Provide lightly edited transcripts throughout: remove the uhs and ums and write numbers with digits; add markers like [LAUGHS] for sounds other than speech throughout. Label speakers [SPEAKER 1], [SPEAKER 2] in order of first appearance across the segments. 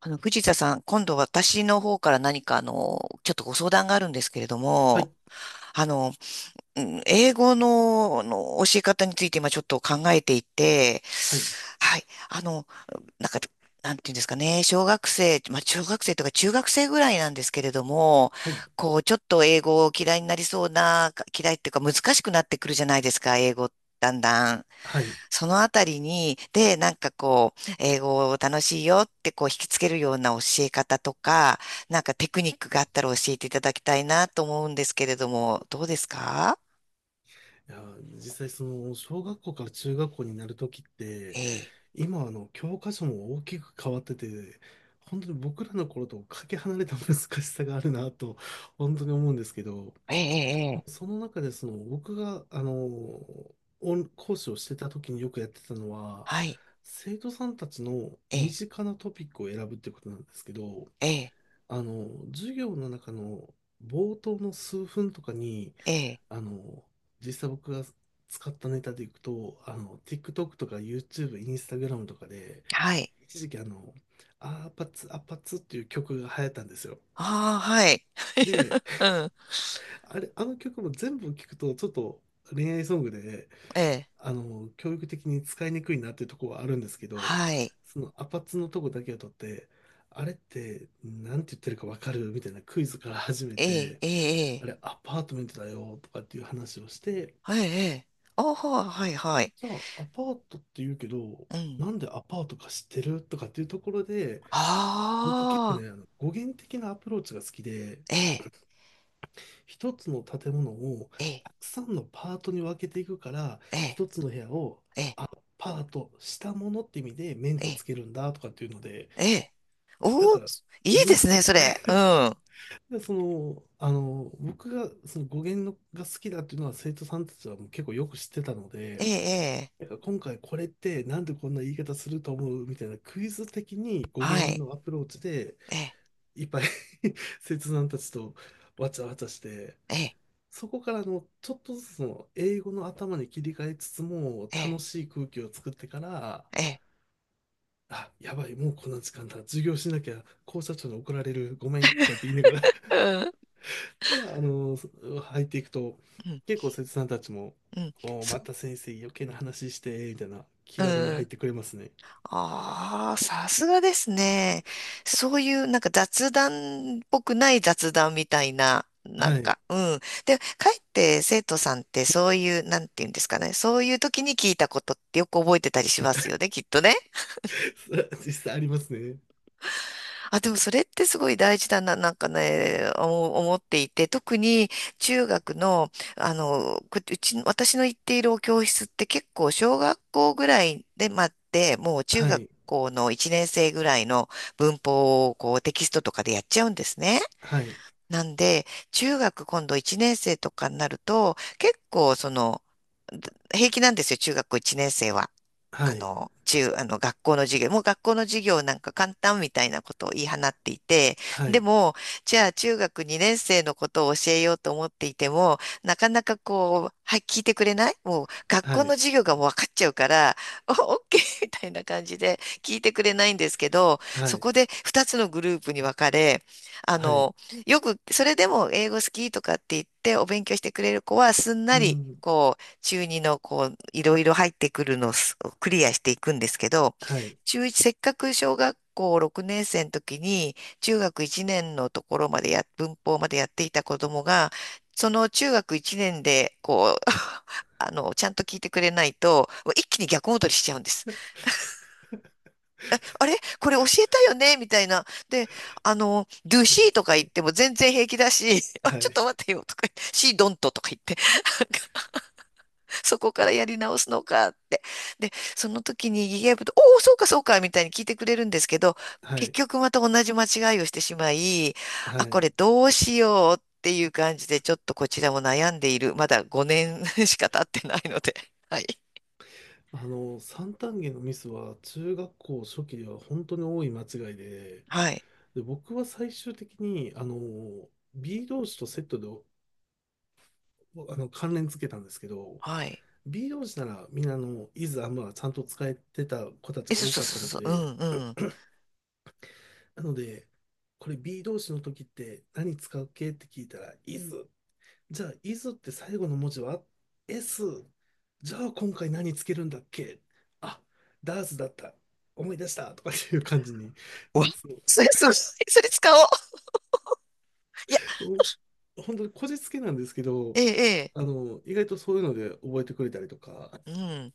[SPEAKER 1] 藤田さん、今度私の方から何かちょっとご相談があるんですけれど
[SPEAKER 2] は
[SPEAKER 1] も、
[SPEAKER 2] い、
[SPEAKER 1] あの、うん、英語の、教え方について今ちょっと考えていて、
[SPEAKER 2] はい、
[SPEAKER 1] はい、あの、なんか、なんていうんですかね、小学生、まあ、小学生とか中学生ぐらいなんですけれども、
[SPEAKER 2] はい、
[SPEAKER 1] こう、ちょっと英語を嫌いになりそうな、嫌いっていうか難しくなってくるじゃないですか、英語、だんだん。
[SPEAKER 2] はい。い
[SPEAKER 1] そのあたりに、で、なんかこう、英語を楽しいよってこう引きつけるような教え方とか、なんかテクニックがあったら教えていただきたいなと思うんですけれども、どうですか？
[SPEAKER 2] や、実際その小学校から中学校になるときって、
[SPEAKER 1] ええ、
[SPEAKER 2] 今教科書も大きく変わってて、本当に僕らの頃とかけ離れた難しさがあるなと、本当に思うんですけど、
[SPEAKER 1] ええ、え
[SPEAKER 2] でも
[SPEAKER 1] え、
[SPEAKER 2] その中でその僕がオン講師をしてたときによくやってたのは、
[SPEAKER 1] はい、
[SPEAKER 2] 生徒さんたちの
[SPEAKER 1] え
[SPEAKER 2] 身
[SPEAKER 1] え、
[SPEAKER 2] 近なトピックを選ぶっていうことなんですけど、
[SPEAKER 1] ええ、
[SPEAKER 2] あの授業の中の冒頭の数分とかに、
[SPEAKER 1] ええ、
[SPEAKER 2] あの、実際僕が使ったネタでいくと、TikTok とか YouTube、Instagram とかで、
[SPEAKER 1] はい。
[SPEAKER 2] 一時期アーパツ、アパツっていう曲が流行ったんですよ。
[SPEAKER 1] ああ、はい。
[SPEAKER 2] で、
[SPEAKER 1] [LAUGHS] うん、
[SPEAKER 2] あれ、あの曲も全部聞くと、ちょっと恋愛ソングで、
[SPEAKER 1] ええ、
[SPEAKER 2] 教育的に使いにくいなっていうところはあるんですけど、
[SPEAKER 1] はい、
[SPEAKER 2] そのアパッツのとこだけを取って、あれって、なんて言ってるかわかるみたいなクイズから始め
[SPEAKER 1] ええ、
[SPEAKER 2] て、
[SPEAKER 1] ええ、え
[SPEAKER 2] あ
[SPEAKER 1] え、
[SPEAKER 2] れ、アパートメントだよとかっていう話をして、
[SPEAKER 1] はい、ええ、ああ、はい、はい。
[SPEAKER 2] じゃあ、アパートって言うけど、
[SPEAKER 1] うん、
[SPEAKER 2] なんでアパートか知ってるとかっていうところで、僕結構
[SPEAKER 1] ああ、
[SPEAKER 2] ね、語源的なアプローチが好きで、
[SPEAKER 1] ええ、
[SPEAKER 2] 一つの建物を
[SPEAKER 1] ええ、
[SPEAKER 2] たくさんのパートに分けていくから、
[SPEAKER 1] ええ、
[SPEAKER 2] 一つの部屋を
[SPEAKER 1] え
[SPEAKER 2] アパートしたものって意味で面と
[SPEAKER 1] え、
[SPEAKER 2] つけるんだとかっていうので、
[SPEAKER 1] ええ。
[SPEAKER 2] だ
[SPEAKER 1] おお、
[SPEAKER 2] から
[SPEAKER 1] いいで
[SPEAKER 2] 分
[SPEAKER 1] す
[SPEAKER 2] 割、
[SPEAKER 1] ね、それ。う
[SPEAKER 2] [LAUGHS]
[SPEAKER 1] ん。
[SPEAKER 2] で僕がその語源のが好きだっていうのは生徒さんたちはもう結構よく知ってたの
[SPEAKER 1] ええ、
[SPEAKER 2] で、
[SPEAKER 1] ええ。
[SPEAKER 2] なんか今回これってなんでこんな言い方すると思うみたいなクイズ的に語
[SPEAKER 1] は
[SPEAKER 2] 源
[SPEAKER 1] い。
[SPEAKER 2] のアプローチで
[SPEAKER 1] ええ、
[SPEAKER 2] いっぱい [LAUGHS] 切断たちとわちゃわちゃして
[SPEAKER 1] ええ、
[SPEAKER 2] そこからのちょっとずつの英語の頭に切り替えつつも
[SPEAKER 1] え
[SPEAKER 2] 楽
[SPEAKER 1] え、
[SPEAKER 2] しい空気を作ってから
[SPEAKER 1] ええ。
[SPEAKER 2] あやばいもうこんな時間だ授業しなきゃ校舎長に怒られるごめんとかって言いながら [LAUGHS]
[SPEAKER 1] うん、
[SPEAKER 2] からあの入っていくと
[SPEAKER 1] うん、
[SPEAKER 2] 結構切断たちも
[SPEAKER 1] うん。
[SPEAKER 2] もう
[SPEAKER 1] そ
[SPEAKER 2] また先生余計な話してみたいな気
[SPEAKER 1] う、
[SPEAKER 2] 軽に
[SPEAKER 1] う
[SPEAKER 2] 入っ
[SPEAKER 1] ん。
[SPEAKER 2] てくれますね。
[SPEAKER 1] ああ、さすがですね。そういう、なんか雑談っぽくない雑談みたいな、なん
[SPEAKER 2] はい。
[SPEAKER 1] か、うん。で、かえって生徒さんってそういう、なんていうんですかね。そういう時に聞いたことってよく覚えてたりしますよね、きっとね。
[SPEAKER 2] [LAUGHS] 実際ありますね。
[SPEAKER 1] あ、でもそれってすごい大事だな、なんかね、思っていて、特に中学の、こうち、私の行っているお教室って結構小学校ぐらいで待って、もう中
[SPEAKER 2] は
[SPEAKER 1] 学
[SPEAKER 2] い、
[SPEAKER 1] 校の1年生ぐらいの文法をこうテキストとかでやっちゃうんですね。
[SPEAKER 2] はい、
[SPEAKER 1] なんで、中学今度1年生とかになると、結構その、平気なんですよ、中学校1年生は。
[SPEAKER 2] は
[SPEAKER 1] あ
[SPEAKER 2] い、
[SPEAKER 1] の、中、あの、学校の授業、もう学校の授業なんか簡単みたいなことを言い放っていて、
[SPEAKER 2] は
[SPEAKER 1] で
[SPEAKER 2] い、
[SPEAKER 1] も、じゃあ中学2年生のことを教えようと思っていても、なかなかこう、はい、聞いてくれないもう学
[SPEAKER 2] は
[SPEAKER 1] 校の
[SPEAKER 2] い、
[SPEAKER 1] 授業がもう分かっちゃうから、お、オッケー [LAUGHS] みたいな感じで聞いてくれないんですけど、
[SPEAKER 2] は
[SPEAKER 1] そ
[SPEAKER 2] い、
[SPEAKER 1] こで2つのグループに分かれ、あ
[SPEAKER 2] はい、
[SPEAKER 1] の、よく、それでも英語好きとかって言ってお勉強してくれる子はすんな
[SPEAKER 2] う
[SPEAKER 1] り、
[SPEAKER 2] ん、
[SPEAKER 1] 中二のこう、いろいろ入ってくるのをクリアしていくんですけど、
[SPEAKER 2] はい、
[SPEAKER 1] 中1、せっかく小学校6年生の時に、中学1年のところまで文法までやっていた子供が、その中学1年で、こう、[LAUGHS] ちゃんと聞いてくれないと、一気に逆戻りしちゃうんです。あれこれ教えたよねみたいな。で、do
[SPEAKER 2] ありま
[SPEAKER 1] she と
[SPEAKER 2] す
[SPEAKER 1] か言っ
[SPEAKER 2] ね。
[SPEAKER 1] ても全然平気だし、[LAUGHS] あ、
[SPEAKER 2] は
[SPEAKER 1] ちょっ
[SPEAKER 2] い、
[SPEAKER 1] と待ってよとか言って、she don't とか言って、[LAUGHS] そこからやり直すのかって。で、その時にギガ部と、おお、そうかそうかみたいに聞いてくれるんですけど、
[SPEAKER 2] は
[SPEAKER 1] 結
[SPEAKER 2] い、
[SPEAKER 1] 局また同じ間違いをしてしまい、
[SPEAKER 2] は
[SPEAKER 1] あ、こ
[SPEAKER 2] い。
[SPEAKER 1] れどうしようっていう感じで、ちょっとこちらも悩んでいる。まだ5年 [LAUGHS] しか経ってないので。[LAUGHS] はい。
[SPEAKER 2] あの、三単元のミスは中学校初期では本当に多い間違いで、
[SPEAKER 1] はい。
[SPEAKER 2] で、僕は最終的に、B 同士とセットで、関連付けたんですけど、
[SPEAKER 1] はい。
[SPEAKER 2] B 同士ならみんなイズアムはちゃんと使えてた子たち
[SPEAKER 1] え、
[SPEAKER 2] が
[SPEAKER 1] そう
[SPEAKER 2] 多
[SPEAKER 1] そう
[SPEAKER 2] かったの
[SPEAKER 1] そうそう。う
[SPEAKER 2] で、
[SPEAKER 1] んうん。
[SPEAKER 2] なので、これ B 動詞の時って何使う系って聞いたら、is。じゃあ、is って最後の文字は s。じゃあ、今回何つけるんだっけ、あ、does だった。思い出したとかっていう感じに。
[SPEAKER 1] お
[SPEAKER 2] そ
[SPEAKER 1] それ、それ、それ使おう。いや、
[SPEAKER 2] うお本当にこじつけなんですけど、
[SPEAKER 1] ええ、
[SPEAKER 2] 意外とそういうので覚えてくれたりとか、
[SPEAKER 1] ええ。うん。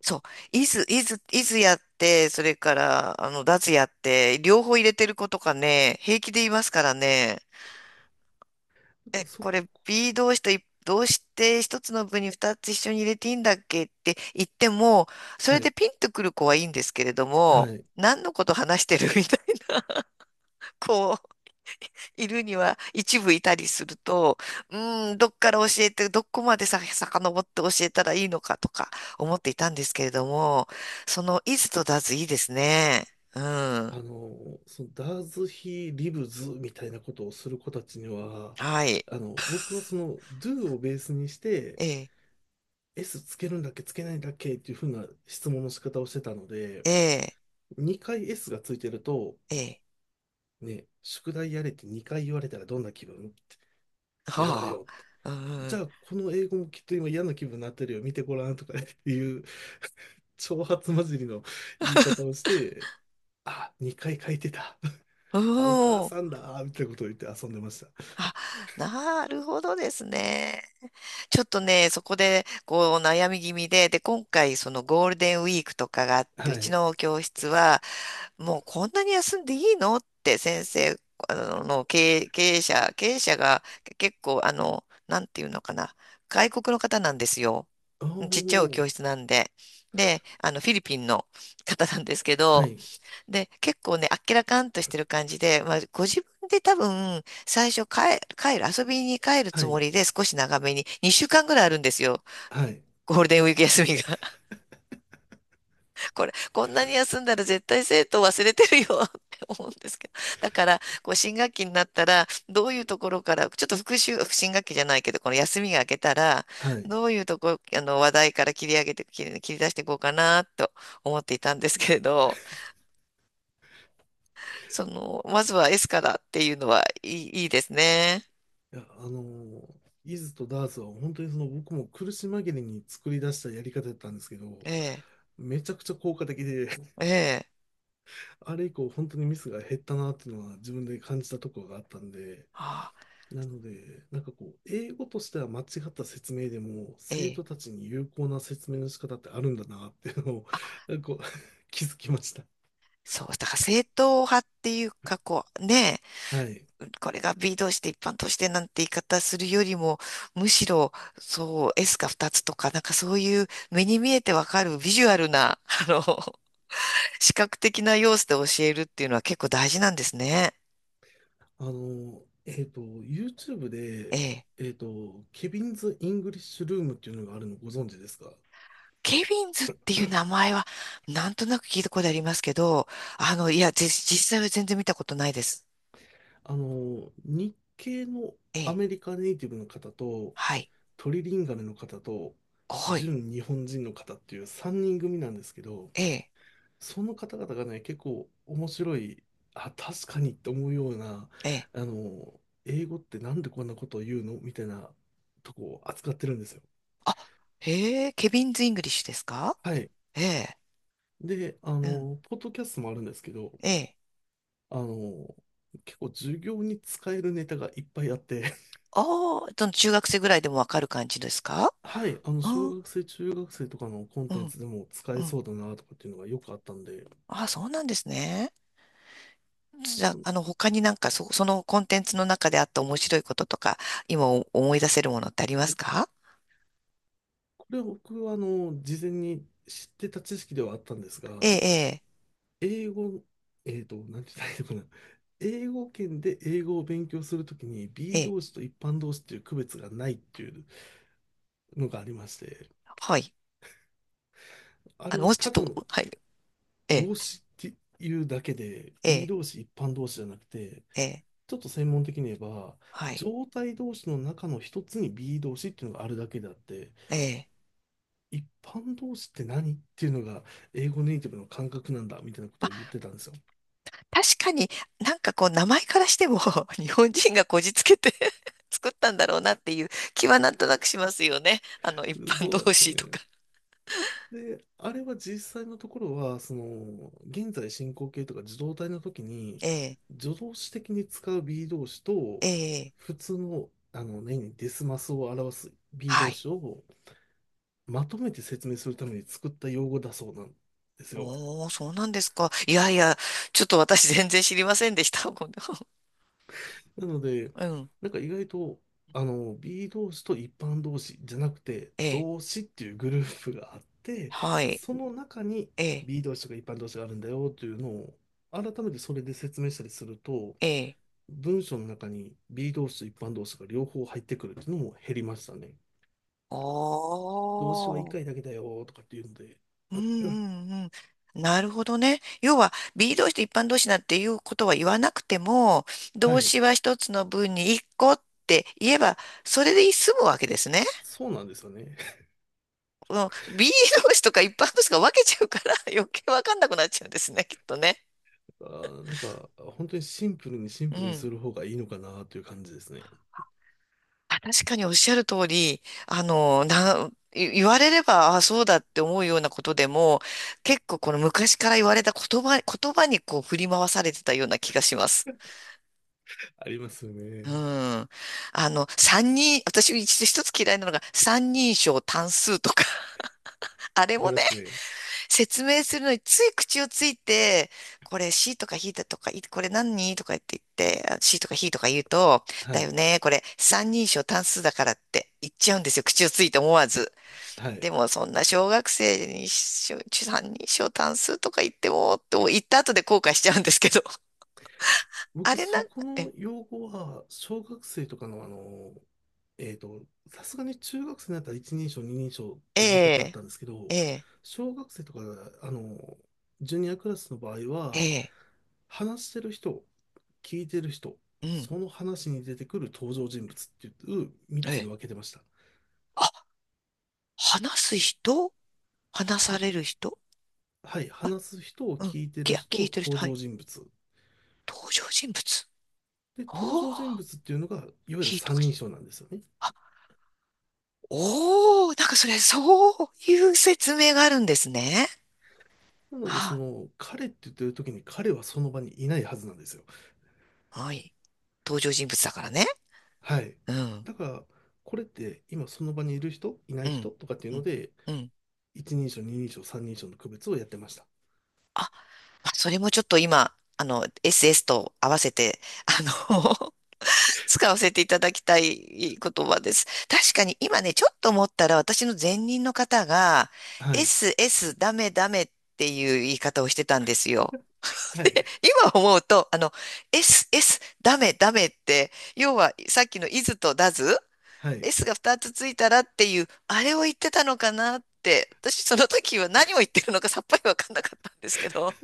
[SPEAKER 1] そう。イズ、イズ、イズやって、それから、ダズやって、両方入れてる子とかね、平気で言いますからね。
[SPEAKER 2] だか
[SPEAKER 1] え、
[SPEAKER 2] らそこ、
[SPEAKER 1] これ B 動詞とどうして一つの部に二つ一緒に入れていいんだっけって言っても、そ
[SPEAKER 2] は
[SPEAKER 1] れで
[SPEAKER 2] い、
[SPEAKER 1] ピンとくる子はいいんですけれど
[SPEAKER 2] は
[SPEAKER 1] も、
[SPEAKER 2] い。
[SPEAKER 1] 何のこと話してるみたいな、こう。いるには一部いたりすると、うーん、どっから教えて、どこまでさ、遡って教えたらいいのかとか思っていたんですけれども、その、いズとだずいいですね。うん。
[SPEAKER 2] あの、そのダーズ・ヒー・リブズみたいなことをする子たちには、
[SPEAKER 1] はい。
[SPEAKER 2] 僕はその Do をベースにして
[SPEAKER 1] ええ、
[SPEAKER 2] S つけるんだっけつけないんだっけっていうふうな質問の仕方をしてたので、
[SPEAKER 1] ええ、
[SPEAKER 2] 2回 S がついてると、
[SPEAKER 1] ええ。
[SPEAKER 2] ね、宿題やれって2回言われたらどんな気分、嫌だ
[SPEAKER 1] は
[SPEAKER 2] よ。
[SPEAKER 1] あ。う
[SPEAKER 2] じ
[SPEAKER 1] ん。
[SPEAKER 2] ゃあ、この英語もきっと今嫌な気分になってるよ。見てごらんとかねっていう挑発混じりの言い方をして、あ、2回書いてた。
[SPEAKER 1] う
[SPEAKER 2] あ、お
[SPEAKER 1] ん。
[SPEAKER 2] 母
[SPEAKER 1] おー
[SPEAKER 2] さんだ。みたいなことを言って遊んでまし
[SPEAKER 1] あ、なるほどですね。ちょっとね、そこで、こう、悩み気味で、で、今回、そのゴールデンウィークとかがあっ
[SPEAKER 2] た。
[SPEAKER 1] て、う
[SPEAKER 2] は
[SPEAKER 1] ち
[SPEAKER 2] い。
[SPEAKER 1] の教室は、もうこんなに休んでいいのって先生、あの、の経営、経営者、経営者が結構、なんていうのかな、外国の方なんですよ。
[SPEAKER 2] お
[SPEAKER 1] ちっちゃいお
[SPEAKER 2] ー、
[SPEAKER 1] 教室なんで。で、フィリピンの方なんですけ
[SPEAKER 2] は
[SPEAKER 1] ど、
[SPEAKER 2] い、
[SPEAKER 1] で、結構ね、あっけらかんとしてる感じで、まあ、ご自分で多分、最初帰、帰る、遊びに帰る
[SPEAKER 2] は
[SPEAKER 1] つも
[SPEAKER 2] い、
[SPEAKER 1] りで少し長めに、2週間ぐらいあるんですよ。
[SPEAKER 2] はい、
[SPEAKER 1] ゴールデンウィーク休みが。[LAUGHS] これ、こんなに休んだら絶対生徒忘れてるよ [LAUGHS] って思うんですけど。だから、こう、新学期になったら、どういうところから、ちょっと復習、新学期じゃないけど、この休みが明けたら、
[SPEAKER 2] はい。い
[SPEAKER 1] どういうとこ、話題から切り上げて、切り出していこうかな、と思っていたんですけれど、その、まずは S からっていうのはいいですね。
[SPEAKER 2] や、イズとダーツは本当にその僕も苦し紛れに作り出したやり方だったんですけ
[SPEAKER 1] え
[SPEAKER 2] ど、
[SPEAKER 1] え、
[SPEAKER 2] めちゃくちゃ効果的で、
[SPEAKER 1] え
[SPEAKER 2] [LAUGHS]
[SPEAKER 1] え、
[SPEAKER 2] あれ以降本当にミスが減ったなっていうのは自分で感じたところがあったんで、
[SPEAKER 1] あ
[SPEAKER 2] なので、なんかこう、英語としては間違った説明でも、
[SPEAKER 1] え
[SPEAKER 2] 生
[SPEAKER 1] え。
[SPEAKER 2] 徒たちに有効な説明の仕方ってあるんだなっていうのを、
[SPEAKER 1] あ、
[SPEAKER 2] なんかこう [LAUGHS] 気づきました。
[SPEAKER 1] そう、だから正統派っていうか、こう、ね
[SPEAKER 2] はい。
[SPEAKER 1] え、これが B 同士で一般としてなんて言い方するよりも、むしろ、そう、S が2つとか、なんかそういう目に見えてわかるビジュアルな、[LAUGHS] 視覚的な要素で教えるっていうのは結構大事なんですね。
[SPEAKER 2] あの、YouTube
[SPEAKER 1] え
[SPEAKER 2] で、
[SPEAKER 1] え。
[SPEAKER 2] ケビンズ・イングリッシュルームっていうのがあるのご存知ですか？
[SPEAKER 1] ケビンズっていう名前は、なんとなく聞いたことありますけど、いや、実際は全然見たことないです。
[SPEAKER 2] あの、日系の
[SPEAKER 1] え
[SPEAKER 2] ア
[SPEAKER 1] え、
[SPEAKER 2] メリカネイティブの方と、
[SPEAKER 1] はい、
[SPEAKER 2] トリリンガルの方と、
[SPEAKER 1] はい、
[SPEAKER 2] 純日本人の方っていう3人組なんですけど、
[SPEAKER 1] ええ、
[SPEAKER 2] その方々がね、結構面白い、あ、確かにって思うような、
[SPEAKER 1] ええ。
[SPEAKER 2] 英語ってなんでこんなことを言うのみたいなとこを扱ってるんですよ。
[SPEAKER 1] あ、へえ、ケビンズ・イングリッシュですか？
[SPEAKER 2] はい。
[SPEAKER 1] ええ、
[SPEAKER 2] で、
[SPEAKER 1] うん、
[SPEAKER 2] ポッドキャストもあるんですけど、
[SPEAKER 1] ええ。
[SPEAKER 2] あの、結構授業に使えるネタがいっぱいあって [LAUGHS]
[SPEAKER 1] ああ、その中学生ぐらいでもわかる感じですか？
[SPEAKER 2] はい、あの、
[SPEAKER 1] うん、
[SPEAKER 2] 小
[SPEAKER 1] う
[SPEAKER 2] 学生、中学生とかのコン
[SPEAKER 1] ん、
[SPEAKER 2] テンツでも使
[SPEAKER 1] う
[SPEAKER 2] え
[SPEAKER 1] ん。
[SPEAKER 2] そうだなとかっていうのがよくあったんで、
[SPEAKER 1] あ、そうなんですね。じゃあ、他になんか、そのコンテンツの中であった面白いこととか、今思い出せるものってありますか？
[SPEAKER 2] これは僕は、事前に知ってた知識ではあったんです
[SPEAKER 1] え
[SPEAKER 2] が、
[SPEAKER 1] え、
[SPEAKER 2] 英語、なんて言ったらいいのかな。英語圏で英語を勉強するときに
[SPEAKER 1] ええ、
[SPEAKER 2] B
[SPEAKER 1] ええ、
[SPEAKER 2] 動詞と一般動詞っていう区別がないっていうのがありまして、
[SPEAKER 1] はい。
[SPEAKER 2] あれは
[SPEAKER 1] もうちょっ
[SPEAKER 2] ただ
[SPEAKER 1] と、
[SPEAKER 2] の
[SPEAKER 1] はい。ええ、
[SPEAKER 2] 動詞っていうだけで
[SPEAKER 1] え
[SPEAKER 2] B
[SPEAKER 1] え、
[SPEAKER 2] 動詞一般動詞じゃなくて
[SPEAKER 1] ええ、
[SPEAKER 2] ちょっと専門的に言えば、
[SPEAKER 1] はい。
[SPEAKER 2] 状態動詞の中の一つに B e 動詞っていうのがあるだけであって、
[SPEAKER 1] ええ。
[SPEAKER 2] 一般動詞って何っていうのが英語ネイティブの感覚なんだみたいなこ
[SPEAKER 1] ま
[SPEAKER 2] とを言っ
[SPEAKER 1] あ、
[SPEAKER 2] てたんですよ。
[SPEAKER 1] 確かになんかこう名前からしても [LAUGHS] 日本人がこじつけて [LAUGHS] 作ったんだろうなっていう気はなんとなくしますよね。一般
[SPEAKER 2] そうなん
[SPEAKER 1] 同
[SPEAKER 2] ですよ
[SPEAKER 1] 士と
[SPEAKER 2] ね。
[SPEAKER 1] か。
[SPEAKER 2] で、あれは実際のところは、その、現在進行形とか受動態の時に、
[SPEAKER 1] ええ、
[SPEAKER 2] 助動詞的に使う B e 動詞と、
[SPEAKER 1] ええ、
[SPEAKER 2] 普通の、何々デスマスを表す B e
[SPEAKER 1] は
[SPEAKER 2] 動
[SPEAKER 1] い。
[SPEAKER 2] 詞をまとめて説明するために作った用語だそうなんですよ。
[SPEAKER 1] おお、そうなんですか。いやいや、ちょっと私全然知りませんでした。[LAUGHS]
[SPEAKER 2] なので、
[SPEAKER 1] うん。
[SPEAKER 2] なんか意外と、B 同士と一般同士じゃなくて、
[SPEAKER 1] ええ、
[SPEAKER 2] 同士っていうグループがあって、
[SPEAKER 1] はい。
[SPEAKER 2] その中に
[SPEAKER 1] ええ、
[SPEAKER 2] B 同士とか一般同士があるんだよというのを、改めてそれで説明したりすると、
[SPEAKER 1] ええ。
[SPEAKER 2] 文章の中に B 同士と一般同士が両方入ってくるっていうのも減りましたね。
[SPEAKER 1] お
[SPEAKER 2] 動詞は一
[SPEAKER 1] ー。
[SPEAKER 2] 回だけだよとかっていうので、
[SPEAKER 1] うん、うん、うん。なるほどね。要は、B 動詞と一般動詞なんていうことは言わなくても、
[SPEAKER 2] は
[SPEAKER 1] 動
[SPEAKER 2] い、
[SPEAKER 1] 詞は一つの文に一個って言えば、それで済むわけですね。
[SPEAKER 2] そうなんですよね。[LAUGHS]
[SPEAKER 1] うん、B 動詞とか一般動詞が分けちゃうから [LAUGHS] 余計わかんなくなっちゃうんですね、きっとね。
[SPEAKER 2] あー、なんか、本当にシンプルにシン
[SPEAKER 1] う
[SPEAKER 2] プルに
[SPEAKER 1] ん。
[SPEAKER 2] する方がいいのかなという感じですね。
[SPEAKER 1] あ、確かにおっしゃる通り、な、い言われれば、あ、そうだって思うようなことでも、結構この昔から言われた言葉にこう振り回されてたような気がします。
[SPEAKER 2] [LAUGHS] ありますよ
[SPEAKER 1] う
[SPEAKER 2] ね。
[SPEAKER 1] ん。私一つ嫌いなのが三人称単数とか、[LAUGHS] あれ
[SPEAKER 2] あり
[SPEAKER 1] も
[SPEAKER 2] ま
[SPEAKER 1] ね、
[SPEAKER 2] すね。
[SPEAKER 1] 説明するのについ口をついて、これ C とか H だとか、これ何とか言って言って、あ、 C とか H とか言うと、
[SPEAKER 2] は
[SPEAKER 1] だよ
[SPEAKER 2] い。
[SPEAKER 1] ね、これ三人称単数だからって言っちゃうんですよ。口をついて思わず。
[SPEAKER 2] は
[SPEAKER 1] で
[SPEAKER 2] い。
[SPEAKER 1] もそんな小学生に三人称単数とか言っても、と言った後で後悔しちゃうんですけど、[LAUGHS] あ
[SPEAKER 2] 僕、
[SPEAKER 1] れな
[SPEAKER 2] そ
[SPEAKER 1] んか、
[SPEAKER 2] こ
[SPEAKER 1] え、
[SPEAKER 2] の用語は、小学生とかの、えっと、さすがに中学生になったら一人称、二人称っ
[SPEAKER 1] え
[SPEAKER 2] ていう言い方だっ
[SPEAKER 1] え、
[SPEAKER 2] たんですけ
[SPEAKER 1] え
[SPEAKER 2] ど、
[SPEAKER 1] え、
[SPEAKER 2] 小学生とか、あの、ジュニアクラスの場合
[SPEAKER 1] え
[SPEAKER 2] は、
[SPEAKER 1] え、
[SPEAKER 2] 話してる人、聞いてる人、
[SPEAKER 1] うん、
[SPEAKER 2] その話に出てくる登場人物っていう3
[SPEAKER 1] え
[SPEAKER 2] つに
[SPEAKER 1] え。
[SPEAKER 2] 分けてました。
[SPEAKER 1] 話す人、話
[SPEAKER 2] は、
[SPEAKER 1] される人、
[SPEAKER 2] はい、話す人を
[SPEAKER 1] うん。
[SPEAKER 2] 聞いてる人、
[SPEAKER 1] 聞いてる人、
[SPEAKER 2] 登
[SPEAKER 1] は
[SPEAKER 2] 場
[SPEAKER 1] い。
[SPEAKER 2] 人物。
[SPEAKER 1] 登場人物、
[SPEAKER 2] で、登
[SPEAKER 1] お
[SPEAKER 2] 場人
[SPEAKER 1] ー、
[SPEAKER 2] 物っていうのが、いわゆる
[SPEAKER 1] いいと
[SPEAKER 2] 三
[SPEAKER 1] か
[SPEAKER 2] 人
[SPEAKER 1] し。
[SPEAKER 2] 称なんですよね。
[SPEAKER 1] あ、おー、なんかそれ、そういう説明があるんですね。
[SPEAKER 2] なので、そ
[SPEAKER 1] あ、
[SPEAKER 2] の、彼って言ってる時に彼はその場にいないはずなんですよ。
[SPEAKER 1] はい。登場人物だからね。
[SPEAKER 2] はい。
[SPEAKER 1] うん、
[SPEAKER 2] だから、これって今その場にいる人、いな
[SPEAKER 1] う
[SPEAKER 2] い
[SPEAKER 1] ん、
[SPEAKER 2] 人とかっていう
[SPEAKER 1] う
[SPEAKER 2] の
[SPEAKER 1] ん、
[SPEAKER 2] で、
[SPEAKER 1] うん。
[SPEAKER 2] 一人称、二人称、三人称の区別をやってました。
[SPEAKER 1] あ、まあそれもちょっと今、SS と合わせて、あの [LAUGHS] 使わせていただきたい言葉です。確かに今ね、ちょっと思ったら私の前任の方が、
[SPEAKER 2] はい。
[SPEAKER 1] SS ダメダメっていう言い方をしてたんですよ。[LAUGHS]
[SPEAKER 2] はい。
[SPEAKER 1] で今思うと、SS ダメダメって、要はさっきのイズとダズ
[SPEAKER 2] はい。
[SPEAKER 1] s が2つついたらっていう、あれを言ってたのかなって、私その時は何を言ってるのかさっぱりわかんなかったんですけど。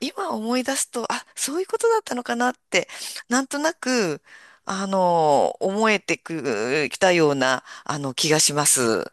[SPEAKER 1] 今思い出すと、あ、そういうことだったのかなって、なんとなく、思えてく、きたような、気がします。